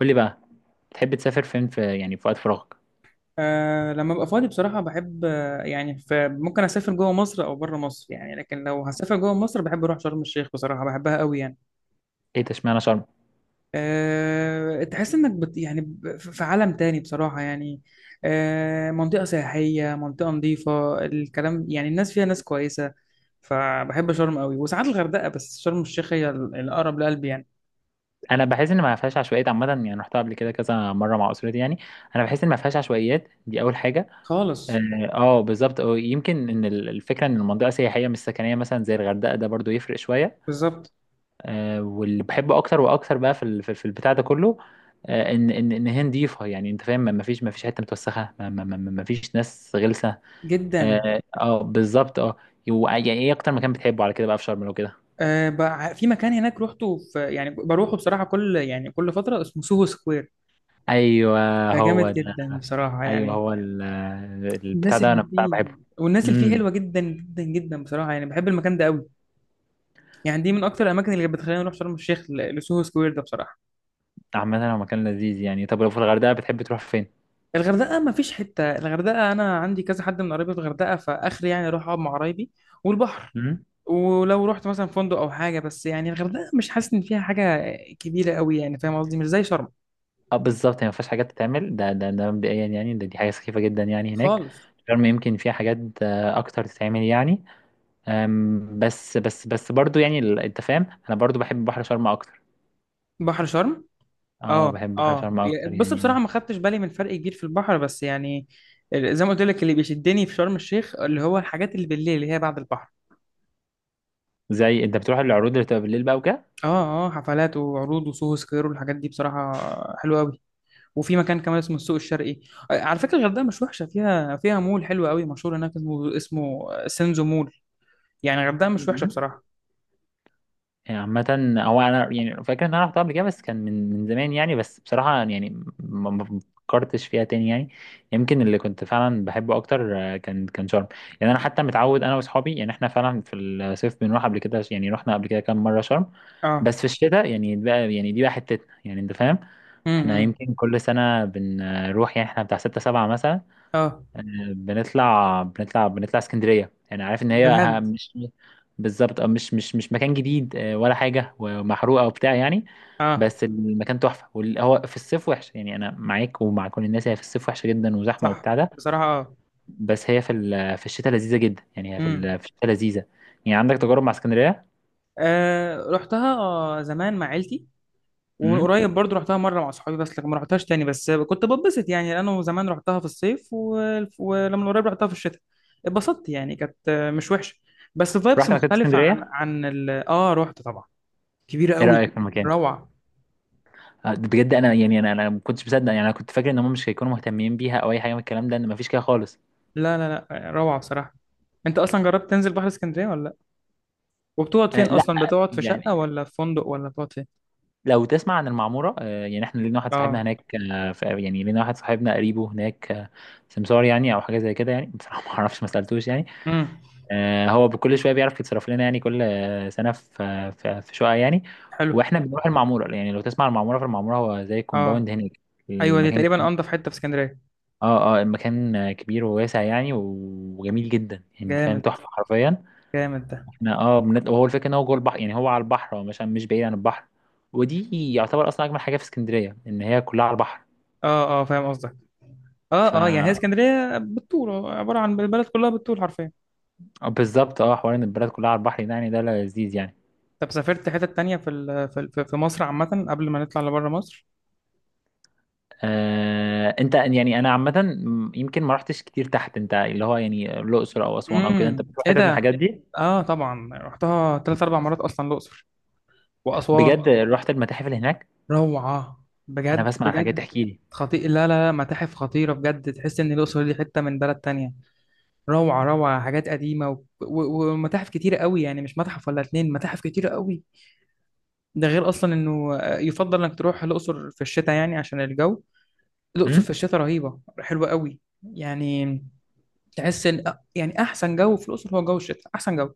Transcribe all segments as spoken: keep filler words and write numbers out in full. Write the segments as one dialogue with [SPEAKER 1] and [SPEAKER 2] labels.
[SPEAKER 1] قول لي بقى، تحب تسافر فين في يعني في وقت فراغك؟
[SPEAKER 2] أه لما ابقى فاضي بصراحة بحب آه، يعني ف- ممكن اسافر جوه مصر او بره مصر، يعني لكن لو هسافر جوه مصر بحب اروح شرم الشيخ، بصراحة بحبها قوي يعني.
[SPEAKER 1] ايه ده؟ اشمعنى شرم؟
[SPEAKER 2] أه تحس انك بت يعني ب- في عالم تاني بصراحة يعني. أه منطقة سياحية، منطقة نظيفة، الكلام يعني الناس فيها ناس كويسة. فبحب شرم قوي وساعات الغردقة، بس شرم الشيخ هي ال- الأقرب لقلبي يعني.
[SPEAKER 1] انا بحس ان ما فيهاش عشوائيات عامه يعني، رحتها قبل كده كذا مره مع اسرتي يعني. انا بحس ان ما فيهاش عشوائيات، دي اول حاجه. اه
[SPEAKER 2] خالص.
[SPEAKER 1] آه، بالظبط، أو يمكن ان ال- الفكره ان المنطقه سياحيه مش سكنيه، مثلا زي الغردقه ده برضو يفرق شويه.
[SPEAKER 2] بالظبط.
[SPEAKER 1] اه، واللي بحبه اكتر واكتر بقى في ال- في في البتاع ده كله. آه، ان ان ان هي نضيفه يعني، انت فاهم، ما ما فيش ما فيش حته متوسخه، ما ما ما ما- ما فيش ناس غلسه.
[SPEAKER 2] جدا.
[SPEAKER 1] اه آه، بالظبط اه. و- يعني ايه اكتر مكان بتحبه على كده بقى في شرم لو كده؟
[SPEAKER 2] أه بقى في مكان هناك روحته، في يعني بروحه بصراحة كل يعني كل فترة، اسمه سوهو سكوير.
[SPEAKER 1] ايوه،
[SPEAKER 2] ده
[SPEAKER 1] هو
[SPEAKER 2] جامد
[SPEAKER 1] ده.
[SPEAKER 2] جدا بصراحة
[SPEAKER 1] ايوه،
[SPEAKER 2] يعني.
[SPEAKER 1] هو ال- البتاع
[SPEAKER 2] الناس
[SPEAKER 1] ده
[SPEAKER 2] اللي
[SPEAKER 1] انا بتاع
[SPEAKER 2] فيه،
[SPEAKER 1] بحبه.
[SPEAKER 2] والناس اللي فيه
[SPEAKER 1] امم.
[SPEAKER 2] حلوة جدا جدا جدا بصراحة يعني، بحب المكان ده قوي. يعني دي من أكتر الأماكن اللي بتخليني أروح شرم الشيخ، ل- لسوهو سكوير ده بصراحة.
[SPEAKER 1] عامة هو مكان لذيذ يعني. طب لو في الغردقة بتحب تروح فين؟
[SPEAKER 2] الغردقة ما فيش حتة، الغردقة أنا عندي كذا حد من قرايبي في الغردقة، فآخري يعني أروح أقعد مع قرايبي والبحر.
[SPEAKER 1] امم.
[SPEAKER 2] ولو رحت مثلا فندق أو حاجة، بس يعني الغردقة مش حاسس إن فيها حاجة كبيرة قوي، يعني فاهم قصدي، مش زي شرم.
[SPEAKER 1] اه بالظبط، هي ما فيهاش حاجات تتعمل، ده ده ده مبدئيا يعني، ده دي حاجة سخيفة جدا يعني هناك.
[SPEAKER 2] خالص.
[SPEAKER 1] شرم يمكن فيها حاجات آه، اكتر تتعمل يعني. أم، بس بس بس برضو يعني ال- انت فاهم انا برضو بحب بحر شرم اكتر.
[SPEAKER 2] بحر شرم.
[SPEAKER 1] اه،
[SPEAKER 2] اه
[SPEAKER 1] بحب بحر
[SPEAKER 2] اه،
[SPEAKER 1] شرم
[SPEAKER 2] يا-
[SPEAKER 1] اكتر
[SPEAKER 2] بص
[SPEAKER 1] يعني
[SPEAKER 2] بصراحه
[SPEAKER 1] انا.
[SPEAKER 2] ما خدتش بالي من فرق كبير في البحر، بس يعني ال- زي ما قلت لك اللي بيشدني في شرم الشيخ اللي هو الحاجات اللي بالليل اللي هي بعد البحر.
[SPEAKER 1] زي انت بتروح العروض اللي بتبقى بالليل بقى
[SPEAKER 2] اه اه، حفلات وعروض وسوهو سكوير والحاجات دي بصراحه حلوه قوي. وفي مكان كمان اسمه السوق الشرقي. آه، على فكره الغردقه مش وحشه، فيها فيها مول حلو قوي مشهور هناك، اسمه اسمه سينزو مول. يعني الغردقه مش وحشه
[SPEAKER 1] وكده.
[SPEAKER 2] بصراحه.
[SPEAKER 1] يعني عامة هو، أنا يعني فاكر إن أنا رحتها قبل كده بس كان من من زمان يعني، بس بصراحة يعني ما ما فكرتش فيها تاني يعني. يمكن اللي كنت فعلا بحبه أكتر آه، كان كان شرم. يعني أنا حتى متعود أنا وأصحابي يعني، إحنا فعلا في الصيف بنروح قبل كده يعني، رحنا قبل كده كام مرة شرم.
[SPEAKER 2] اه.
[SPEAKER 1] بس في الشتاء يعني بقى، يعني دي بقى حتتنا يعني، أنت فاهم. إحنا
[SPEAKER 2] امم
[SPEAKER 1] يمكن كل سنة بنروح يعني، إحنا بتاع ستة سبعة مثلا.
[SPEAKER 2] اه.
[SPEAKER 1] آه، بنطلع بنطلع بنطلع اسكندرية يعني، عارف ان هي ه-
[SPEAKER 2] بجد.
[SPEAKER 1] مش، بالظبط اه، مش مش مش مكان جديد آه، ولا حاجة، ومحروقة وبتاع يعني.
[SPEAKER 2] اه.
[SPEAKER 1] بس المكان تحفة، وال- هو في الصيف وحش يعني، انا معاك ومع كل الناس، هي في الصيف وحشة جدا وزحمة
[SPEAKER 2] صح.
[SPEAKER 1] وبتاع ده.
[SPEAKER 2] بصراحه اه.
[SPEAKER 1] بس هي في ال- في الشتاء لذيذة جدا يعني، هي في
[SPEAKER 2] امم
[SPEAKER 1] ال- في الشتاء لذيذة. يعني عندك تجارب مع اسكندرية؟
[SPEAKER 2] آه رحتها آه، زمان مع عيلتي، ومن
[SPEAKER 1] امم.
[SPEAKER 2] قريب برضو رحتها مره مع اصحابي، بس لكن ما رحتهاش تاني، بس كنت بتبسط يعني. انا زمان رحتها في الصيف و... ولما قريب رحتها في الشتاء اتبسطت، يعني كانت مش وحشه، بس فايبس
[SPEAKER 1] رحت مكتبة
[SPEAKER 2] مختلفه عن
[SPEAKER 1] اسكندرية؟
[SPEAKER 2] عن ال... اه رحت طبعا. كبيره
[SPEAKER 1] ايه
[SPEAKER 2] قوي.
[SPEAKER 1] رأيك في المكان؟
[SPEAKER 2] روعه.
[SPEAKER 1] آه، بجد انا يعني، انا انا ما كنتش مصدق يعني. انا كنت فاكر ان هم مش هيكونوا مهتمين بيها او اي حاجه من الكلام ده، ان ما فيش كده خالص.
[SPEAKER 2] لا لا لا، روعه بصراحه. انت اصلا جربت تنزل بحر اسكندريه ولا لا؟ وبتقعد
[SPEAKER 1] آه
[SPEAKER 2] فين
[SPEAKER 1] لا.
[SPEAKER 2] اصلا، بتقعد في شقه
[SPEAKER 1] يعني
[SPEAKER 2] ولا في فندق ولا بتقعد فين؟
[SPEAKER 1] لو تسمع عن المعمورة آه، يعني احنا لينا واحد صاحبنا
[SPEAKER 2] اه.
[SPEAKER 1] هناك آه، ف- يعني لينا واحد صاحبنا قريبه هناك آه، سمسار يعني او حاجة زي كده يعني، بصراحة ما اعرفش، ما سألتوش يعني.
[SPEAKER 2] امم.
[SPEAKER 1] آه، هو بكل شوية بيعرف يتصرف لنا يعني، كل آه، سنة في في في شقة يعني.
[SPEAKER 2] حلو.
[SPEAKER 1] واحنا بنروح المعمورة يعني. لو تسمع عن المعمورة، فالمعمورة هو زي
[SPEAKER 2] اه.
[SPEAKER 1] كومباوند هناك.
[SPEAKER 2] ايوه دي
[SPEAKER 1] المكان
[SPEAKER 2] تقريبا
[SPEAKER 1] كبير.
[SPEAKER 2] انضف حته في اسكندريه.
[SPEAKER 1] اه اه، المكان آه، كبير وواسع يعني، وجميل جدا يعني، انت فاهم،
[SPEAKER 2] جامد.
[SPEAKER 1] تحفة حرفيا.
[SPEAKER 2] جامد ده.
[SPEAKER 1] احنا اه، بنت... وهو الفكره ان هو جوه البحر يعني، هو على البحر، هو مش مش بعيد عن البحر. ودي يعتبر اصلا اجمل حاجه في اسكندريه، ان هي كلها على البحر.
[SPEAKER 2] اه اه فاهم قصدك. اه
[SPEAKER 1] ف
[SPEAKER 2] اه يعني هي اسكندريه بالطول، عباره عن البلد كلها بالطول حرفيا.
[SPEAKER 1] بالظبط اه، حوار ان البلد كلها على البحر ده، يعني ده لذيذ يعني.
[SPEAKER 2] طب سافرت حتة تانية في ال- في ال- في مصر عامة قبل ما نطلع لبره مصر؟
[SPEAKER 1] آه، انت يعني انا عامه، م- يمكن ما رحتش كتير تحت، انت اللي هو يعني الاقصر او اسوان او كده، انت
[SPEAKER 2] امم،
[SPEAKER 1] بتروح
[SPEAKER 2] ايه
[SPEAKER 1] حتت من
[SPEAKER 2] ده؟
[SPEAKER 1] الحاجات دي؟
[SPEAKER 2] اه طبعا رحتها تلات اربع مرات، اصلا الاقصر واسوان.
[SPEAKER 1] بجد، رحت المتاحف اللي هناك؟
[SPEAKER 2] روعة
[SPEAKER 1] انا
[SPEAKER 2] بجد
[SPEAKER 1] بسمع عن حاجات،
[SPEAKER 2] بجد.
[SPEAKER 1] تحكي لي.
[SPEAKER 2] خطير. لا لا لا، متاحف خطيرة بجد، تحس ان الاقصر دي حتة من بلد تانية. روعة روعة، حاجات قديمة و... و... ومتاحف كتيرة قوي، يعني مش متحف ولا اتنين، متاحف كتيرة قوي. ده غير اصلا انه آه، يفضل انك تروح الاقصر في الشتاء يعني عشان الجو. الأقصر في
[SPEAKER 1] امم.
[SPEAKER 2] الشتاء رهيبة، حلوة قوي يعني. تحس ان يعني احسن جو في الأقصر هو جو الشتاء، احسن جو.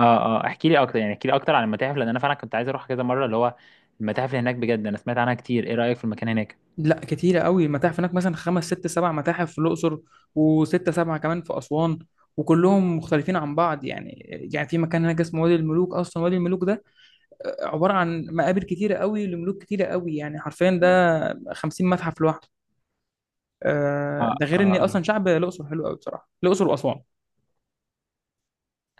[SPEAKER 1] اه اه، احكي لي اكتر، يعني احكي لي اكتر عن المتاحف، لان انا فعلا كنت عايز اروح كذا مره اللي هو، المتاحف اللي هناك بجد انا سمعت عنها كتير. ايه رايك في المكان هناك؟
[SPEAKER 2] لا كتيرة قوي المتاحف هناك، مثلا خمس ست سبع متاحف في الأقصر، وستة سبعة كمان في أسوان، وكلهم مختلفين عن بعض يعني. يعني في مكان هناك اسمه وادي الملوك، اصلا وادي الملوك ده عباره عن مقابر كتيره قوي لملوك كتيره قوي، يعني حرفيا ده خمسين متحف لوحده.
[SPEAKER 1] اه
[SPEAKER 2] آه، ده
[SPEAKER 1] اه
[SPEAKER 2] غير ان اصلا
[SPEAKER 1] آه.
[SPEAKER 2] شعب الاقصر حلو قوي بصراحه، الاقصر واسوان.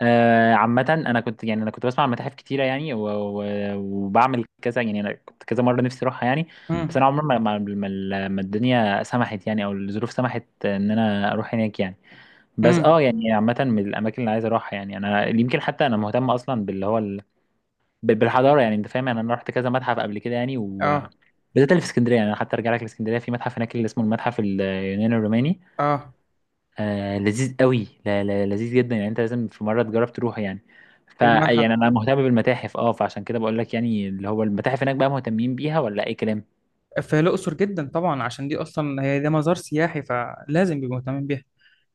[SPEAKER 1] آه، عامة أنا كنت يعني، أنا كنت بسمع عن متاحف كتيرة يعني، و... و... وبعمل كذا يعني، أنا كنت كذا مرة نفسي أروحها يعني. بس
[SPEAKER 2] امم.
[SPEAKER 1] أنا عمري ما ما ما ما الدنيا سمحت يعني، أو الظروف سمحت إن أنا أروح هناك يعني. بس
[SPEAKER 2] امم.
[SPEAKER 1] أه، يعني عامة من الأماكن اللي عايز أروحها يعني، أنا يمكن حتى أنا مهتم أصلا باللي هو ال... بال- بالحضارة يعني، أنت فاهم. يعني أنا رحت كذا متحف قبل كده يعني، وبالذات
[SPEAKER 2] اه
[SPEAKER 1] اللي في اسكندرية يعني. أنا حتى أرجع لك لإسكندرية، في متحف هناك اللي اسمه المتحف اليوناني الروماني.
[SPEAKER 2] اه.
[SPEAKER 1] آه، لذيذ قوي، لا لا، لذيذ جدا يعني، انت لازم في مره تجرب تروح يعني. فيعني
[SPEAKER 2] المتحف
[SPEAKER 1] انا مهتم بالمتاحف اه، فعشان كده بقول لك يعني، اللي هو المتاحف هناك بقى مهتمين بيها ولا اي كلام.
[SPEAKER 2] في الأقصر جدا طبعا، عشان دي أصلا هي ده مزار سياحي فلازم بيبقوا مهتمين بيها.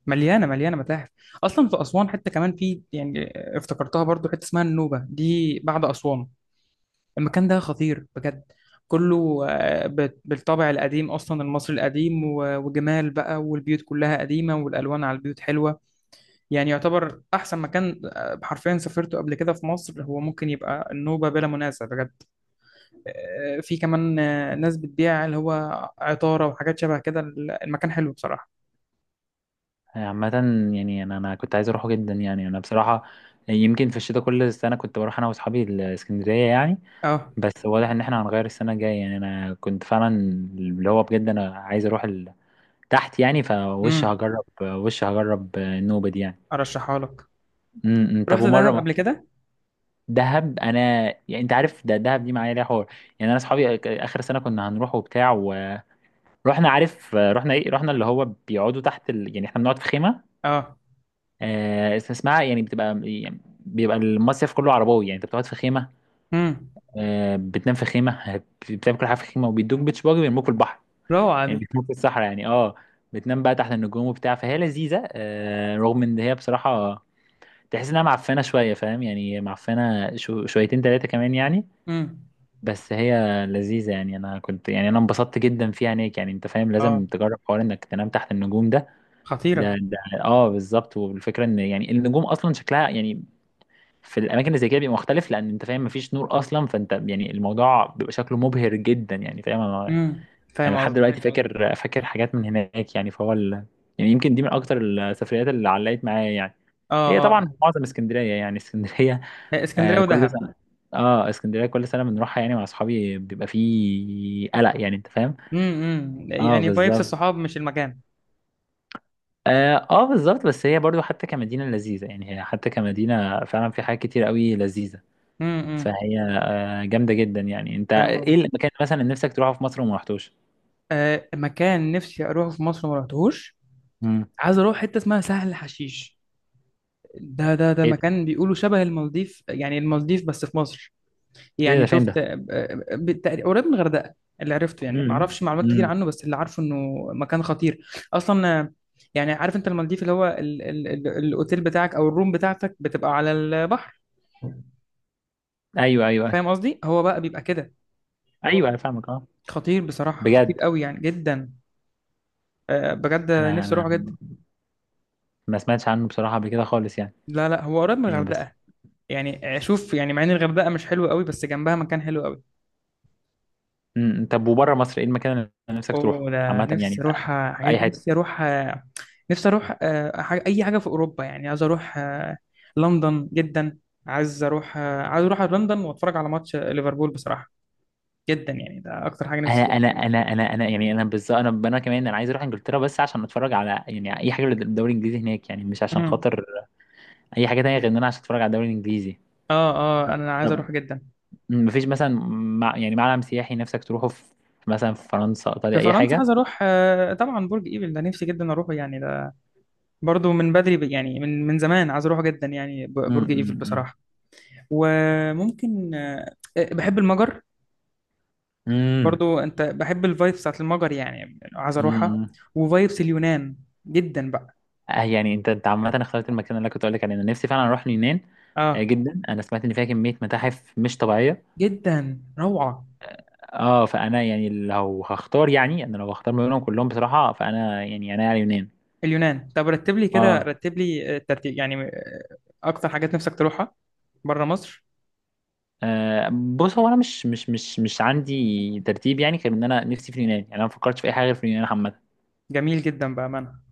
[SPEAKER 2] مليانة مليانة متاحف. أصلا في أسوان حتى كمان، في يعني افتكرتها برضو حتة اسمها النوبة دي بعد أسوان. المكان ده خطير بجد. كله آه، بت- بالطابع القديم أصلا المصري القديم و- وجمال بقى، والبيوت كلها قديمة والألوان على البيوت حلوة. يعني يعتبر أحسن مكان آه، حرفيا سافرته قبل كده في مصر، هو ممكن يبقى النوبة بلا منازع بجد. آه، في كمان آه، ناس بتبيع اللي هو عطارة وحاجات شبه كده. المكان حلو بصراحة.
[SPEAKER 1] آه، عامه يعني انا انا كنت عايز اروحه جدا يعني، انا بصراحه. يمكن في الشتاء كل سنه كنت بروح انا واصحابي الاسكندريه يعني.
[SPEAKER 2] اه.
[SPEAKER 1] بس واضح ان احنا هنغير السنه الجايه يعني، انا كنت فعلا اللي هو بجد انا عايز اروح ال- تحت يعني، فوش
[SPEAKER 2] امم.
[SPEAKER 1] هجرب وش هجرب النوبه دي يعني.
[SPEAKER 2] ارشحها لك.
[SPEAKER 1] م- م. طب
[SPEAKER 2] رحت
[SPEAKER 1] ومره،
[SPEAKER 2] دهب قبل كده؟
[SPEAKER 1] دهب انا، يعني انت عارف ده، دهب دي معايا ليها حوار. يعني انا اصحابي أك- اخر سنه كنا هنروح وبتاع، ورحنا. عارف رحنا ايه؟ رحنا اللي هو بيقعدوا تحت ال... يعني احنا بنقعد في خيمه.
[SPEAKER 2] اه.
[SPEAKER 1] آه اس- اسمها يعني بتبقى، يعني بيبقى المصيف كله عرباوي يعني، انت بتقعد في خيمه،
[SPEAKER 2] امم.
[SPEAKER 1] آه، بتنام في خيمه بتعمل كل حاجه في خيمه، وبيدوك بيتش باجي، بيرموك في البحر،
[SPEAKER 2] روعة
[SPEAKER 1] يعني
[SPEAKER 2] دي.
[SPEAKER 1] بيرموك في الصحراء يعني، اه. بتنام بقى تحت النجوم وبتاع، فهي لذيذه آه، رغم ان هي بصراحه تحس انها معفنه شويه، فاهم يعني، معفنه شو شويتين ثلاثه كمان يعني.
[SPEAKER 2] امم.
[SPEAKER 1] بس هي لذيذة يعني، أنا كنت يعني، أنا انبسطت جدا فيها عينيك يعني، أنت فاهم،
[SPEAKER 2] اه.
[SPEAKER 1] لازم تجرب حوار إنك تنام تحت النجوم ده. ده
[SPEAKER 2] خطيرة.
[SPEAKER 1] ده أه بالظبط، والفكرة إن يعني النجوم أصلا شكلها يعني في الأماكن اللي زي كده بيبقى مختلف، لأن أنت فاهم مفيش نور أصلا، فأنت يعني الموضوع بيبقى شكله مبهر جدا يعني، فاهم أنا؟
[SPEAKER 2] امم. فاهم
[SPEAKER 1] يعني لحد
[SPEAKER 2] قصدي.
[SPEAKER 1] دلوقتي ايوه أيوة، فاكر، فاكر حاجات من هناك يعني. فهو ال... يعني يمكن دي من أكتر السفريات اللي علقت معايا يعني. هي
[SPEAKER 2] اه اه.
[SPEAKER 1] طبعا معظم اسكندرية يعني اسكندرية.
[SPEAKER 2] آه، اسكندرية
[SPEAKER 1] آه، كل
[SPEAKER 2] ودهب.
[SPEAKER 1] سنة. اه، اسكندرية كل سنة بنروحها يعني، مع اصحابي بيبقى فيه قلق يعني، انت فاهم.
[SPEAKER 2] امم امم
[SPEAKER 1] اه
[SPEAKER 2] يعني فايبس
[SPEAKER 1] بالظبط.
[SPEAKER 2] الصحاب مش المكان.
[SPEAKER 1] اه آه، بالظبط. بس هي برضو حتى كمدينة لذيذة يعني، هي حتى كمدينة فعلا في حاجات كتير قوي لذيذة.
[SPEAKER 2] امم امم.
[SPEAKER 1] فهي جامدة جدا يعني. انت
[SPEAKER 2] فاهم
[SPEAKER 1] ايه
[SPEAKER 2] قصدي.
[SPEAKER 1] المكان مثلا اللي نفسك تروحه في مصر وما رحتوش؟
[SPEAKER 2] آه مكان نفسي اروحه في مصر ما رحتهوش،
[SPEAKER 1] امم.
[SPEAKER 2] عايز اروح حتة اسمها سهل حشيش. ده ده ده
[SPEAKER 1] ايه ده؟
[SPEAKER 2] مكان بيقولوا شبه المالديف، يعني المالديف بس في مصر.
[SPEAKER 1] ايه
[SPEAKER 2] يعني
[SPEAKER 1] ده؟ فين
[SPEAKER 2] شفت؟
[SPEAKER 1] ده؟
[SPEAKER 2] بالتقريب قريب من الغردقه. اللي عرفته يعني، ما
[SPEAKER 1] امم
[SPEAKER 2] اعرفش معلومات كتير
[SPEAKER 1] امم.
[SPEAKER 2] عنه، بس اللي عارفه انه مكان خطير. اصلا آه، يعني عارف انت المالديف اللي هو ال ال ال الاوتيل بتاعك او الروم بتاعتك بتبقى على البحر،
[SPEAKER 1] ايوه ايوه ايوه.
[SPEAKER 2] فاهم قصدي، هو بقى بيبقى كده.
[SPEAKER 1] ايوه انا فاهمك اه.
[SPEAKER 2] خطير بصراحه، خطير
[SPEAKER 1] بجد،
[SPEAKER 2] قوي يعني جدا. آه، بجد
[SPEAKER 1] انا
[SPEAKER 2] نفسي
[SPEAKER 1] انا
[SPEAKER 2] اروحه جدا.
[SPEAKER 1] ما سمعتش عنه بصراحة قبل كده خالص يعني.
[SPEAKER 2] لا لا هو قريب من
[SPEAKER 1] يعني بس.
[SPEAKER 2] الغردقه. يعني آه، شوف يعني مع ان الغردقه مش حلوه قوي، بس جنبها مكان حلو قوي.
[SPEAKER 1] امم إمم. طب وبره مصر ايه المكان اللي نفسك تروحه
[SPEAKER 2] اوه ده
[SPEAKER 1] عامة يعني؟
[SPEAKER 2] نفسي اروح آه،
[SPEAKER 1] في
[SPEAKER 2] حاجات،
[SPEAKER 1] اي حتة؟
[SPEAKER 2] نفسي اروح آه، نفسي اروح آه، حاجة اي حاجه في اوروبا يعني، عايز اروح آه، لندن جدا. عايز اروح آه، عايز اروح لندن واتفرج على ماتش ليفربول بصراحه، جدا يعني، ده اكتر حاجه نفسي
[SPEAKER 1] انا
[SPEAKER 2] فيها.
[SPEAKER 1] انا انا انا انا يعني انا بالظبط، انا انا كمان انا عايز اروح انجلترا، بس عشان اتفرج على يعني اي حاجة للدوري الانجليزي هناك يعني، مش عشان
[SPEAKER 2] امم.
[SPEAKER 1] خاطر اي حاجة تانية، غير ان انا عشان اتفرج على الدوري الانجليزي.
[SPEAKER 2] اه اه انا عايز
[SPEAKER 1] طب،
[SPEAKER 2] اروح جدا.
[SPEAKER 1] مم، مفيش مثلا مع يعني معلم سياحي نفسك تروحه في، مثلا في فرنسا،
[SPEAKER 2] في
[SPEAKER 1] ايطاليا، اي
[SPEAKER 2] فرنسا
[SPEAKER 1] حاجة؟
[SPEAKER 2] عايز اروح آه، طبعا برج ايفل ده نفسي جدا اروحه يعني، ده برضو من بدري ب- يعني من من زمان عايز اروحه جدا يعني، ب- برج ايفل
[SPEAKER 1] امم
[SPEAKER 2] بصراحه. وممكن آه، آه، بحب المجر،
[SPEAKER 1] امم
[SPEAKER 2] برضو انت بحب الفايبس بتاعت المجر يعني عايز اروحها.
[SPEAKER 1] امم.
[SPEAKER 2] وفايبس اليونان جدا بقى.
[SPEAKER 1] آه يعني انت، انت عامة اخترت المكان اللي أنا كنت اقول لك عليه، انا نفسي فعلا اروح اليونان. آه،
[SPEAKER 2] اه.
[SPEAKER 1] جدا. انا سمعت ان فيها كمية متاحف مش طبيعية.
[SPEAKER 2] جدا روعة.
[SPEAKER 1] اه، فانا يعني لو هختار، يعني انا لو هختار ما بينهم كلهم بصراحه، فانا يعني انا على اليونان.
[SPEAKER 2] اليونان. طب رتب لي كده،
[SPEAKER 1] اه
[SPEAKER 2] رتب لي الترتيب يعني، آه، اكتر حاجات نفسك تروحها بره مصر.
[SPEAKER 1] آه، بص هو انا مش مش مش مش عندي ترتيب يعني، غير ان انا نفسي في اليونان يعني، انا ما فكرتش في اي حاجه غير في اليونان عامه
[SPEAKER 2] جميل جدا بأمانة.